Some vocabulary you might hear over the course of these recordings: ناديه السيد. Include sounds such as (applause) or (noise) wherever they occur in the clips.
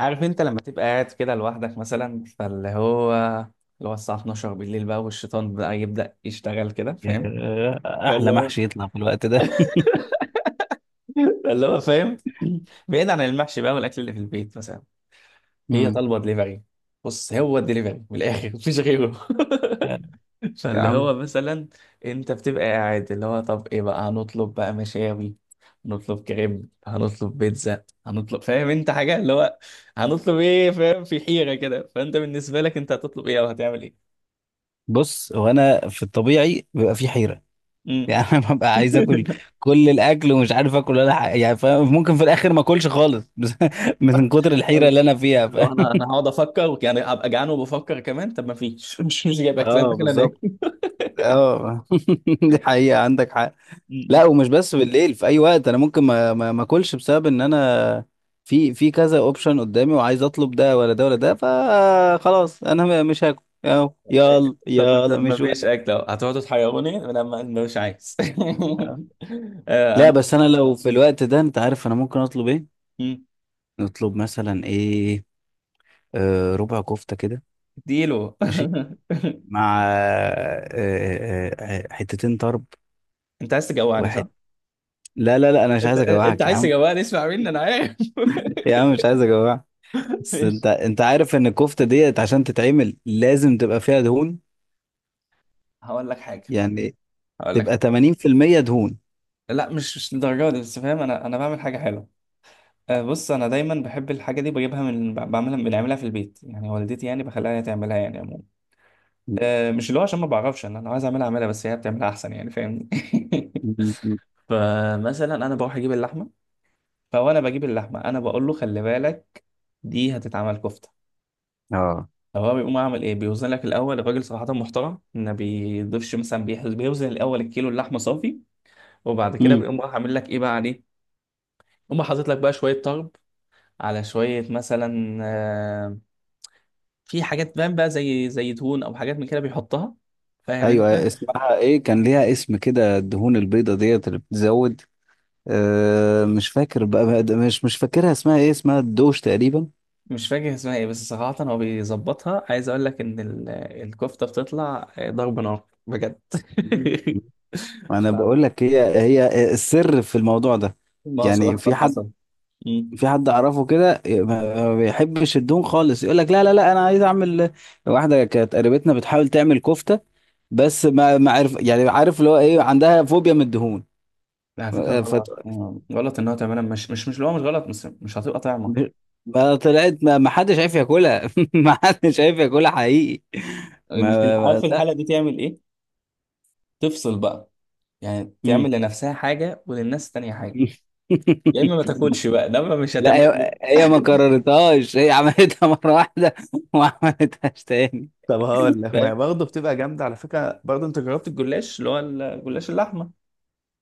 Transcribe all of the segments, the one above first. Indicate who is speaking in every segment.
Speaker 1: عارف انت لما تبقى قاعد كده لوحدك مثلا فاللي هو اللي هو الساعة 12 بالليل بقى، والشيطان بقى يبدأ يشتغل كده فاهم.
Speaker 2: آه،
Speaker 1: فاللي
Speaker 2: احلى
Speaker 1: هو
Speaker 2: محشي يطلع في الوقت ده (laughs)
Speaker 1: (laughs) فاللي هو فاهم. (clears throat) بعيد عن المحشي بقى والأكل اللي في البيت مثلا، هي
Speaker 2: مم.
Speaker 1: طالبة دليفري. بص، هو الدليفري من الآخر مفيش غيره. (laughs)
Speaker 2: يعني
Speaker 1: (laughs)
Speaker 2: يا
Speaker 1: فاللي
Speaker 2: عم،
Speaker 1: هو مثلا انت بتبقى قاعد، اللي هو طب ايه بقى؟ هنطلب بقى مشاوي، هنطلب كريم، هنطلب بيتزا، هنطلب، فاهم انت، حاجة؟ اللي هو هنطلب ايه؟ فاهم، في حيرة كده. فانت بالنسبة لك، انت هتطلب ايه او هتعمل ايه؟
Speaker 2: بص هو انا في الطبيعي بيبقى في حيره. (laughs)
Speaker 1: امم
Speaker 2: يعني انا ببقى عايز اكل
Speaker 1: (laughs)
Speaker 2: كل الاكل ومش عارف اكل ولا حاجه، يعني فاهم؟ ممكن في الاخر ما اكلش خالص (laughs) بس من كتر الحيره اللي انا فيها،
Speaker 1: اللي هو
Speaker 2: فاهم؟
Speaker 1: انا هقعد افكر، يعني هبقى جعان وبفكر كمان طب ما فيش. (laughs) مش جايب اكل، انا
Speaker 2: اه،
Speaker 1: داخل انام.
Speaker 2: بالظبط. اه. (laughs) دي حقيقه، عندك حق.
Speaker 1: أمم.
Speaker 2: لا، ومش بس بالليل، في اي وقت انا ممكن ما اكلش بسبب ان انا في كذا اوبشن قدامي وعايز اطلب ده ولا ده ولا ده، فخلاص انا مش هاكل اهو، يلا
Speaker 1: طب ما،
Speaker 2: يلا
Speaker 1: طب ما
Speaker 2: مش
Speaker 1: فيش
Speaker 2: واقف.
Speaker 1: اكل اهو، هتقعدوا تحيروني لما مش عايز. (laughs) آه،
Speaker 2: لا
Speaker 1: انا
Speaker 2: بس انا لو في الوقت ده انت عارف انا ممكن اطلب ايه؟ نطلب مثلا ايه؟ آه، ربع كفتة كده.
Speaker 1: ديلو. (laughs)
Speaker 2: ماشي. مع حتتين طرب.
Speaker 1: انت عايز تجوعني صح؟
Speaker 2: واحد. لا انا مش
Speaker 1: انت
Speaker 2: عايز
Speaker 1: انت
Speaker 2: اجوعك يا
Speaker 1: عايز
Speaker 2: عم.
Speaker 1: تجوعني، اسمع مني انا عارف.
Speaker 2: يا عم، مش عايز اجوعك.
Speaker 1: (laughs)
Speaker 2: بس انت
Speaker 1: ماشي.
Speaker 2: انت عارف ان الكفتة ديت عشان تتعمل لازم تبقى فيها دهون،
Speaker 1: هقول لك حاجه،
Speaker 2: يعني
Speaker 1: هقول لك
Speaker 2: تبقى
Speaker 1: حاجه،
Speaker 2: 80% دهون.
Speaker 1: لا مش للدرجه دي، بس فاهم، انا بعمل حاجه حلوه. آه، بص انا دايما بحب الحاجه دي، بجيبها من بعملها، بنعملها في البيت يعني، والدتي يعني بخليها هي تعملها يعني عموما.
Speaker 2: م-
Speaker 1: آه، مش اللي هو عشان ما بعرفش، انا لو عايز اعملها اعملها، بس هي بتعملها احسن يعني فاهمني. (laughs)
Speaker 2: م- م.
Speaker 1: فمثلا انا بروح اجيب اللحمه، فوانا بجيب اللحمه انا بقول له خلي بالك دي هتتعمل كفته.
Speaker 2: اه.
Speaker 1: هو بيقوم عامل ايه؟ بيوزن لك الاول، الراجل صراحه محترم، ما بيضيفش مثلا، بيوزن الاول الكيلو اللحمه صافي، وبعد كده
Speaker 2: امم.
Speaker 1: بيقوم راح عامل لك ايه بقى عليه، يقوم حاطط لك بقى شويه طرب، على شويه مثلا آه، في حاجات بقى زي زيتون او حاجات من كده بيحطها، فاهم
Speaker 2: ايوه،
Speaker 1: انت.
Speaker 2: اسمها ايه؟ كان ليها اسم كده، الدهون البيضة ديت اللي بتزود. آه، مش فاكر بقى مش فاكرها اسمها ايه، اسمها الدوش تقريبا.
Speaker 1: مش فاكر اسمها ايه، بس صراحه هو بيظبطها. عايز اقول لك ان الكفته بتطلع آه، ضرب نار بجد.
Speaker 2: م- م.
Speaker 1: (laughs) ف-
Speaker 2: انا بقول لك، هي السر في الموضوع ده.
Speaker 1: ما هو
Speaker 2: يعني
Speaker 1: صراحه
Speaker 2: في حد،
Speaker 1: حصل.
Speaker 2: في حد اعرفه كده، ما بيحبش الدهون خالص، يقول لك لا انا عايز اعمل. واحده كانت قريبتنا بتحاول تعمل كفته، بس ما عارف يعني، عارف اللي هو ايه؟ عندها فوبيا من الدهون.
Speaker 1: لا، على فكرة
Speaker 2: فت...
Speaker 1: غلط، آه، غلط ان هو تعملها، مش اللي هو مش غلط، بس مش هتبقى طعمة.
Speaker 2: ما طلعت، ما حدش عارف ياكلها (laughs) ما حدش عارف ياكلها حقيقي.
Speaker 1: اللي في عارف
Speaker 2: لا.
Speaker 1: الحالة دي تعمل ايه؟ تفصل بقى، يعني
Speaker 2: مم.
Speaker 1: تعمل لنفسها حاجة وللناس تانية حاجة.
Speaker 2: (laughs)
Speaker 1: يا اما ما تاكلش بقى ده، ما مش
Speaker 2: لا،
Speaker 1: هتعمل.
Speaker 2: هي ما
Speaker 1: (laughs)
Speaker 2: كررتهاش، هي عملتها مرة واحدة (laughs) وما عملتهاش تاني.
Speaker 1: طب هقول لك، ما
Speaker 2: فاهم.
Speaker 1: هي برضه بتبقى جامدة على فكرة، برضه انت جربت الجلاش؟ اللي هو الجلاش اللحمة،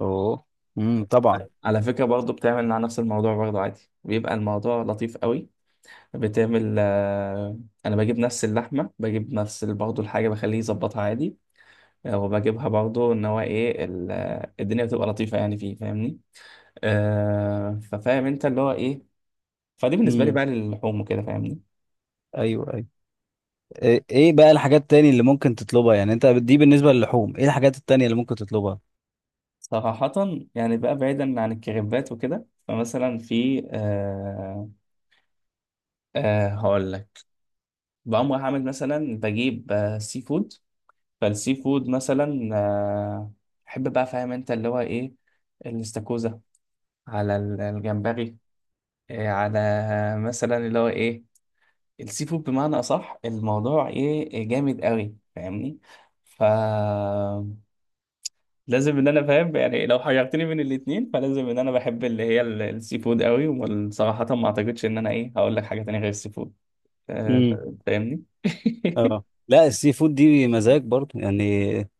Speaker 2: اوه. امم، طبعا.
Speaker 1: على فكرة برضه، بتعمل مع نفس الموضوع برضه عادي، بيبقى الموضوع لطيف قوي، بتعمل آه، انا بجيب نفس اللحمة، بجيب نفس برضه الحاجة، بخليه يظبطها عادي، وبجيبها برضو ان هو ايه آه، الدنيا بتبقى لطيفه يعني فيه، فاهمني. آه، ففاهم انت اللي هو ايه، فدي بالنسبه لي
Speaker 2: امم.
Speaker 1: بقى للحوم وكده، فاهمني.
Speaker 2: ايوه، ايوه. ايه، إيه بقى الحاجات التانية اللي ممكن تطلبها؟ يعني انت دي بالنسبة للحوم، ايه الحاجات التانية اللي ممكن تطلبها؟
Speaker 1: صراحه يعني بقى بعيدا عن الكريبات وكده، فمثلا في آه، آه هقول لك، بقوم رايح اعمل مثلا، بجيب آه سي فود. فالسي فود مثلا آه، احب بقى فاهم انت اللي هو ايه، الاستاكوزا، على الجمبري، آه، على مثلا اللي هو ايه، السي فود بمعنى اصح، الموضوع ايه، إيه، جامد قوي فاهمني. ف لازم ان انا فاهم يعني، لو حيرتني بين الاتنين فلازم ان انا بحب اللي هي السي فود قوي، وصراحة ما اعتقدش ان انا ايه، هقول لك حاجة تانية غير السي فود. آه، فاهمني.
Speaker 2: اه
Speaker 1: (laughs)
Speaker 2: لا، السي فود دي مزاج برضه يعني،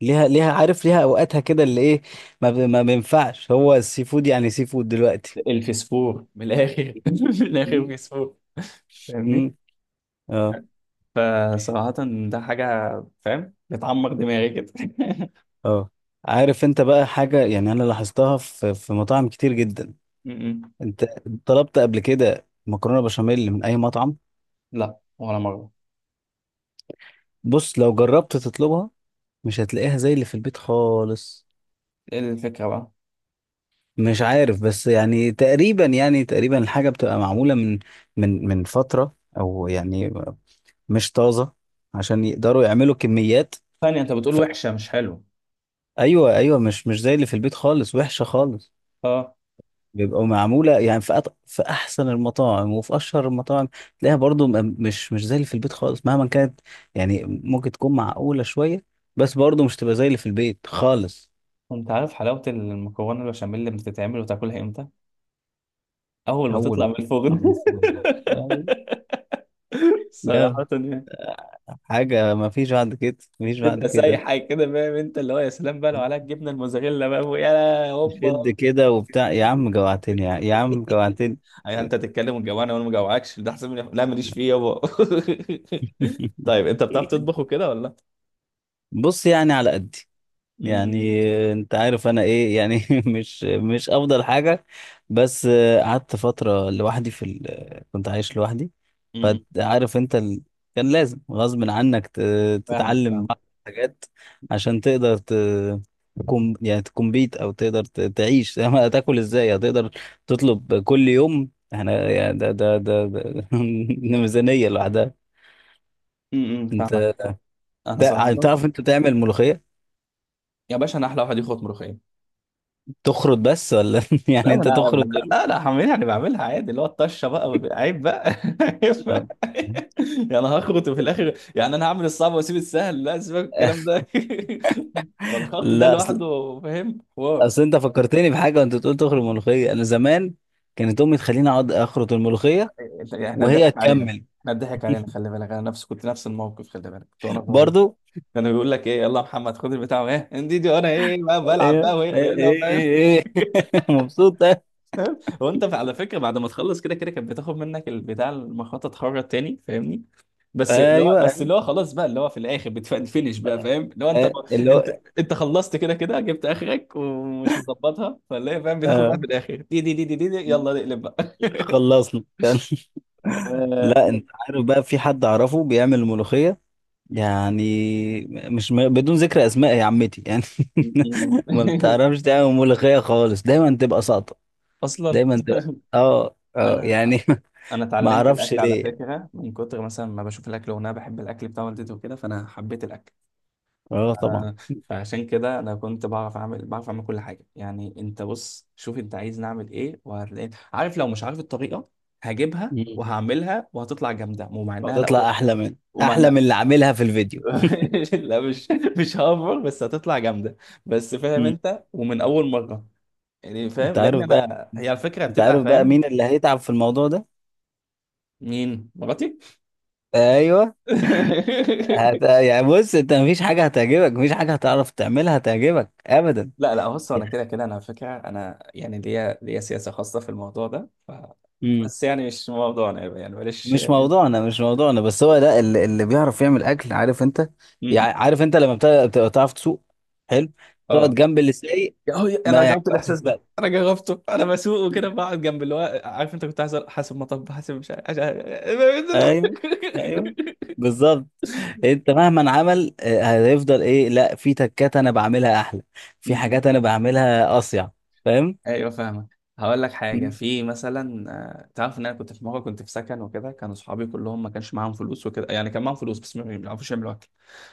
Speaker 2: ليها، ليها، عارف ليها اوقاتها كده اللي ايه. ما بينفعش هو السي فود يعني، سي فود دلوقتي.
Speaker 1: الفسفور من الاخر.
Speaker 2: مم.
Speaker 1: (laughs) من الاخر
Speaker 2: مم.
Speaker 1: فسفور. فاهمني.
Speaker 2: مم. اه.
Speaker 1: فصراحة ده حاجة، فاهم، بتعمر دماغي كده.
Speaker 2: اه، عارف انت بقى حاجة يعني انا لاحظتها في مطاعم كتير جدا.
Speaker 1: (laughs) م- م.
Speaker 2: انت طلبت قبل كده مكرونة بشاميل من اي مطعم؟
Speaker 1: لا ولا مرة.
Speaker 2: بص، لو جربت تطلبها مش هتلاقيها زي اللي في البيت خالص.
Speaker 1: ايه الفكرة بقى؟
Speaker 2: مش عارف، بس يعني تقريبا، يعني تقريبا الحاجة بتبقى معمولة من من فترة او يعني مش طازة، عشان يقدروا يعملوا كميات.
Speaker 1: ثانية، انت بتقول
Speaker 2: ف...
Speaker 1: وحشة مش حلوة؟
Speaker 2: ايوه ايوه، مش زي اللي في البيت خالص، وحشة خالص.
Speaker 1: اه.
Speaker 2: بيبقوا معمولة يعني في في احسن المطاعم وفي اشهر المطاعم، تلاقيها برضو مش زي اللي في البيت خالص مهما كانت. يعني ممكن تكون معقولة شوية، بس برضو مش تبقى زي اللي في البيت خالص.
Speaker 1: انت عارف حلاوة المكرونة البشاميل اللي بتتعمل وتاكلها امتى؟ اول ما
Speaker 2: اول
Speaker 1: تطلع
Speaker 2: ما
Speaker 1: من الفرن.
Speaker 2: عاملين فول يعني. أيوة.
Speaker 1: (laughs)
Speaker 2: يا
Speaker 1: صراحة يعني
Speaker 2: حاجة، ما فيش بعد كده، ما فيش بعد
Speaker 1: تبقى
Speaker 2: كده.
Speaker 1: سايحة كده، فاهم انت اللي هو، يا سلام بقى لو عليها الجبنة الموزاريلا بقى يا
Speaker 2: شد
Speaker 1: هوبا.
Speaker 2: كده وبتاع، يا عم
Speaker 1: (laughs)
Speaker 2: جوعتني، يا عم جوعتني.
Speaker 1: يعني انت تتكلم وتجوعني، وانا ما جوعكش، ده احسن من لا، ماليش فيه يابا. (laughs)
Speaker 2: (laughs)
Speaker 1: طيب انت بتعرف تطبخ وكده ولا لا؟
Speaker 2: بص يعني على قدي. يعني
Speaker 1: امم.
Speaker 2: انت عارف انا ايه يعني (laughs) مش افضل حاجة. بس قعدت فترة لوحدي في كنت عايش لوحدي.
Speaker 1: امم.
Speaker 2: فعارف انت كان لازم غصب عنك
Speaker 1: فاهمك
Speaker 2: تتعلم
Speaker 1: فاهمك.
Speaker 2: بعض الحاجات، عشان تقدر تكون يعني تكمبيت، او تقدر تعيش. (laughs) هتاكل ازاي؟ هتقدر تطلب كل يوم؟ احنا يعني ده (laughs) ميزانية لوحدها.
Speaker 1: امم، فاهمك.
Speaker 2: انت
Speaker 1: انا صراحة،
Speaker 2: تعرف انت تعمل ملوخية؟
Speaker 1: يا باشا انا احلى واحد يخبط ملوخية.
Speaker 2: تخرط بس ولا (laughs)
Speaker 1: لا،
Speaker 2: يعني
Speaker 1: ما
Speaker 2: انت
Speaker 1: انا،
Speaker 2: تخرط؟
Speaker 1: لا لا، هعملها انا بعملها عادي، اللي هو الطشه بقى عيب بقى. (laughs) عيب بقى.
Speaker 2: آه.
Speaker 1: يعني انا هخرط في الاخر؟ يعني انا هعمل الصعب واسيب السهل؟ لا، سيبك من الكلام ده. (laughs) فالخط ده
Speaker 2: لا اصل،
Speaker 1: لوحده، فاهم حوار.
Speaker 2: اصل انت فكرتني بحاجه وانت بتقول تخرط ملوخيه. انا زمان كانت امي تخليني اقعد اخرط الملوخيه
Speaker 1: يعني احنا
Speaker 2: وهي
Speaker 1: اتضحك علينا؟
Speaker 2: تكمل.
Speaker 1: احنا اتضحك علينا، خلي بالك، انا نفسي كنت نفس الموقف، خلي بالك، كنت وانا صغير
Speaker 2: برضو.
Speaker 1: كانوا بيقول لك ايه، يلا يا محمد خد البتاع وايه انديدي، وانا ايه بقى بلعب بقى
Speaker 2: ايه
Speaker 1: وايه
Speaker 2: ايه
Speaker 1: ويلا،
Speaker 2: ايه,
Speaker 1: فاهم.
Speaker 2: إيه. (laughs) مبسوط.
Speaker 1: فاهم، هو انت على فكره بعد ما تخلص كده كده كانت بتاخد منك البتاع المخطط، تخرج تاني فاهمني. بس اللي هو، بس
Speaker 2: ايوه.
Speaker 1: اللي هو خلاص بقى اللي هو في الاخر بتفنش. (laughs) بقى فاهم اللي هو انت،
Speaker 2: آه، اللي
Speaker 1: انت
Speaker 2: هو.
Speaker 1: انت خلصت كده كده، جبت اخرك ومش مظبطها، فاللي هي فاهم، بتاخد بقى في
Speaker 2: آه.
Speaker 1: الاخر دي يلا نقلب بقى.
Speaker 2: خلصنا. (laughs)
Speaker 1: آه،
Speaker 2: لا انت عارف بقى، في حد اعرفه بيعمل ملوخيه يعني، مش م... بدون ذكر اسماء يا عمتي يعني. (laughs) ما
Speaker 1: (laughs)
Speaker 2: بتعرفش تعمل ملوخيه خالص، دايما تبقى ساقطه،
Speaker 1: اصلا
Speaker 2: دايما تبقى، اه
Speaker 1: انا
Speaker 2: يعني (laughs)
Speaker 1: انا
Speaker 2: ما
Speaker 1: اتعلمت
Speaker 2: اعرفش
Speaker 1: الاكل على
Speaker 2: ليه يعني.
Speaker 1: فكره من كتر مثلا ما بشوف الاكل، وانا بحب الاكل بتاع والدتي وكده، فانا حبيت الاكل.
Speaker 2: اه طبعا.
Speaker 1: آه، فعشان كده انا كنت بعرف اعمل، بعرف اعمل كل حاجه يعني، انت بص شوف انت عايز نعمل ايه، وهتلاقي عارف لو مش عارف الطريقه، هجيبها
Speaker 2: مم.
Speaker 1: وهعملها وهتطلع جامده. ومع انها لا،
Speaker 2: وتطلع احلى من
Speaker 1: ومع
Speaker 2: احلى من اللي عاملها في الفيديو.
Speaker 1: (laughs) لا، مش هافر، بس هتطلع جامده، بس فاهم
Speaker 2: مم.
Speaker 1: انت، ومن اول مره يعني، فاهم،
Speaker 2: انت
Speaker 1: لان
Speaker 2: عارف بقى،
Speaker 1: انا هي على فكره
Speaker 2: انت
Speaker 1: بتبقى
Speaker 2: عارف بقى
Speaker 1: فاهم.
Speaker 2: مين اللي هيتعب في الموضوع ده؟
Speaker 1: مين مراتي؟
Speaker 2: ايوه.
Speaker 1: (laughs)
Speaker 2: يعني بص، انت مفيش حاجه هتعجبك، مفيش حاجه هتعرف تعملها هتعجبك.
Speaker 1: لا لا، بص انا
Speaker 2: ابدا.
Speaker 1: كده كده، انا على فكره انا يعني، ليا سياسه خاصه في الموضوع ده. بس يعني مش موضوعنا يعني، معلش.
Speaker 2: مش
Speaker 1: م-
Speaker 2: موضوعنا، مش موضوعنا، بس هو لا اللي بيعرف يعمل اكل، عارف انت،
Speaker 1: م.
Speaker 2: يعني عارف انت لما بتبقى بتعرف تسوق. حلو. تقعد
Speaker 1: اه،
Speaker 2: جنب اللي سايق،
Speaker 1: يا هو انا
Speaker 2: ما
Speaker 1: جربت
Speaker 2: يعجبكش
Speaker 1: الاحساس ده،
Speaker 2: بقى.
Speaker 1: انا جربته، انا بسوق وكده، بقعد جنب اللي هو عارف انت، كنت حاسب، حاسب مطب، حاسب مش عارف عشان.
Speaker 2: ايوه ايوه،
Speaker 1: (laughs)
Speaker 2: بالظبط. انت مهما عمل هيفضل ايه، لا في تكات انا بعملها احلى،
Speaker 1: م-
Speaker 2: في
Speaker 1: م.
Speaker 2: حاجات انا بعملها اصيع. فاهم.
Speaker 1: ايوه فاهمك. هقول لك حاجه
Speaker 2: مم.
Speaker 1: في مثلا آه، تعرف ان انا كنت في مره، كنت في سكن وكده، كانوا صحابي كلهم ما كانش معاهم فلوس وكده، يعني كان معاهم فلوس بس ما بيعرفوش يعملوا اكل.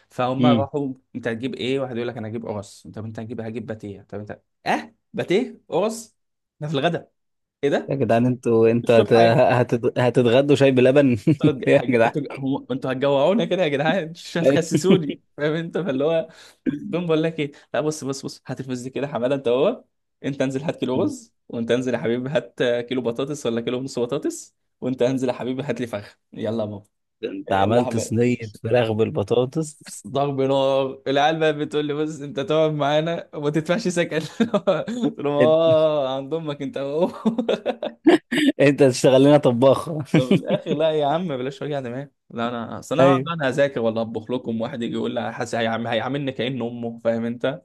Speaker 1: فهم
Speaker 2: مم.
Speaker 1: راحوا انت هتجيب ايه؟ واحد يقول لك انا هجيب قرص، طب انت هتجيب؟ هجيب باتيه، طب انت؟ اه، باتيه قرص ده في الغدا؟ ايه
Speaker 2: يا
Speaker 1: ده؟
Speaker 2: جدعان، انتوا
Speaker 1: مش
Speaker 2: انتوا
Speaker 1: فاهم حاجه.
Speaker 2: هتتغدوا شاي بلبن
Speaker 1: انتوا
Speaker 2: (laughs)
Speaker 1: هتج-
Speaker 2: يا
Speaker 1: هج-
Speaker 2: جدعان.
Speaker 1: انتوا هم- انتوا هتجوعونا كده يا جدعان، (laughs) مش
Speaker 2: (laughs)
Speaker 1: هتخسسوني فاهم انت، فاللي هو تقوم بقول لك ايه؟ لا، بص بص هات الفلوس دي كده يا حماده. انت هو، انت انزل هات كيلو رز، وانت انزل يا حبيبي هات كيلو بطاطس ولا كيلو ونص بطاطس، وانت انزل يا حبيبي هات لي فخذ، يلا يا بابا،
Speaker 2: انت
Speaker 1: يلا يا
Speaker 2: عملت
Speaker 1: حماد.
Speaker 2: صينية فراخ بالبطاطس؟
Speaker 1: بس ضرب نار. العيال بقى بتقول لي، بص انت تقعد معانا وما تدفعش سكن. (laughs) قلت لهم اه، عند امك انت اهو. (laughs)
Speaker 2: انت تشتغل لنا طباخ.
Speaker 1: من الاخر، لا يا عم بلاش وجع دماغ، لا انا،
Speaker 2: (laughs)
Speaker 1: اصل انا هقعد
Speaker 2: ايوه
Speaker 1: بقى انا اذاكر ولا اطبخ لكم؟ واحد يجي يقول لي حاسس، هيعاملني كأن امه، فاهم انت.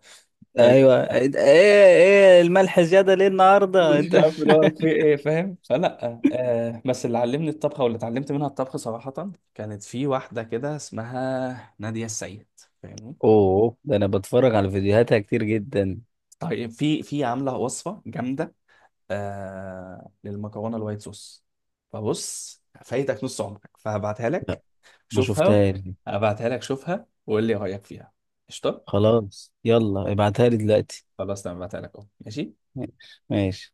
Speaker 2: ايوه.
Speaker 1: لا،
Speaker 2: ايه الملح زياده ليه النهارده
Speaker 1: مش
Speaker 2: انت؟ (laughs)
Speaker 1: عارف اللي هو في ايه، فاهم، فلا آه، بس اللي علمني الطبخه واللي اتعلمت منها الطبخ صراحه كانت في واحده كده اسمها ناديه السيد، فاهمني.
Speaker 2: اوه ده انا بتفرج على فيديوهاتها كتير جدا.
Speaker 1: طيب في عامله وصفه جامده آه، للمكرونه الوايت صوص، فبص فايتك نص عمرك، فهبعتها لك
Speaker 2: لا ما
Speaker 1: شوفها.
Speaker 2: شفتهاش.
Speaker 1: هبعتها لك شوفها، وقول لي رايك فيها، قشطه؟
Speaker 2: خلاص يلا ابعتها لي دلوقتي.
Speaker 1: خلاص تمام، هبعتها لك اهو، ماشي.
Speaker 2: ماشي. ماشي.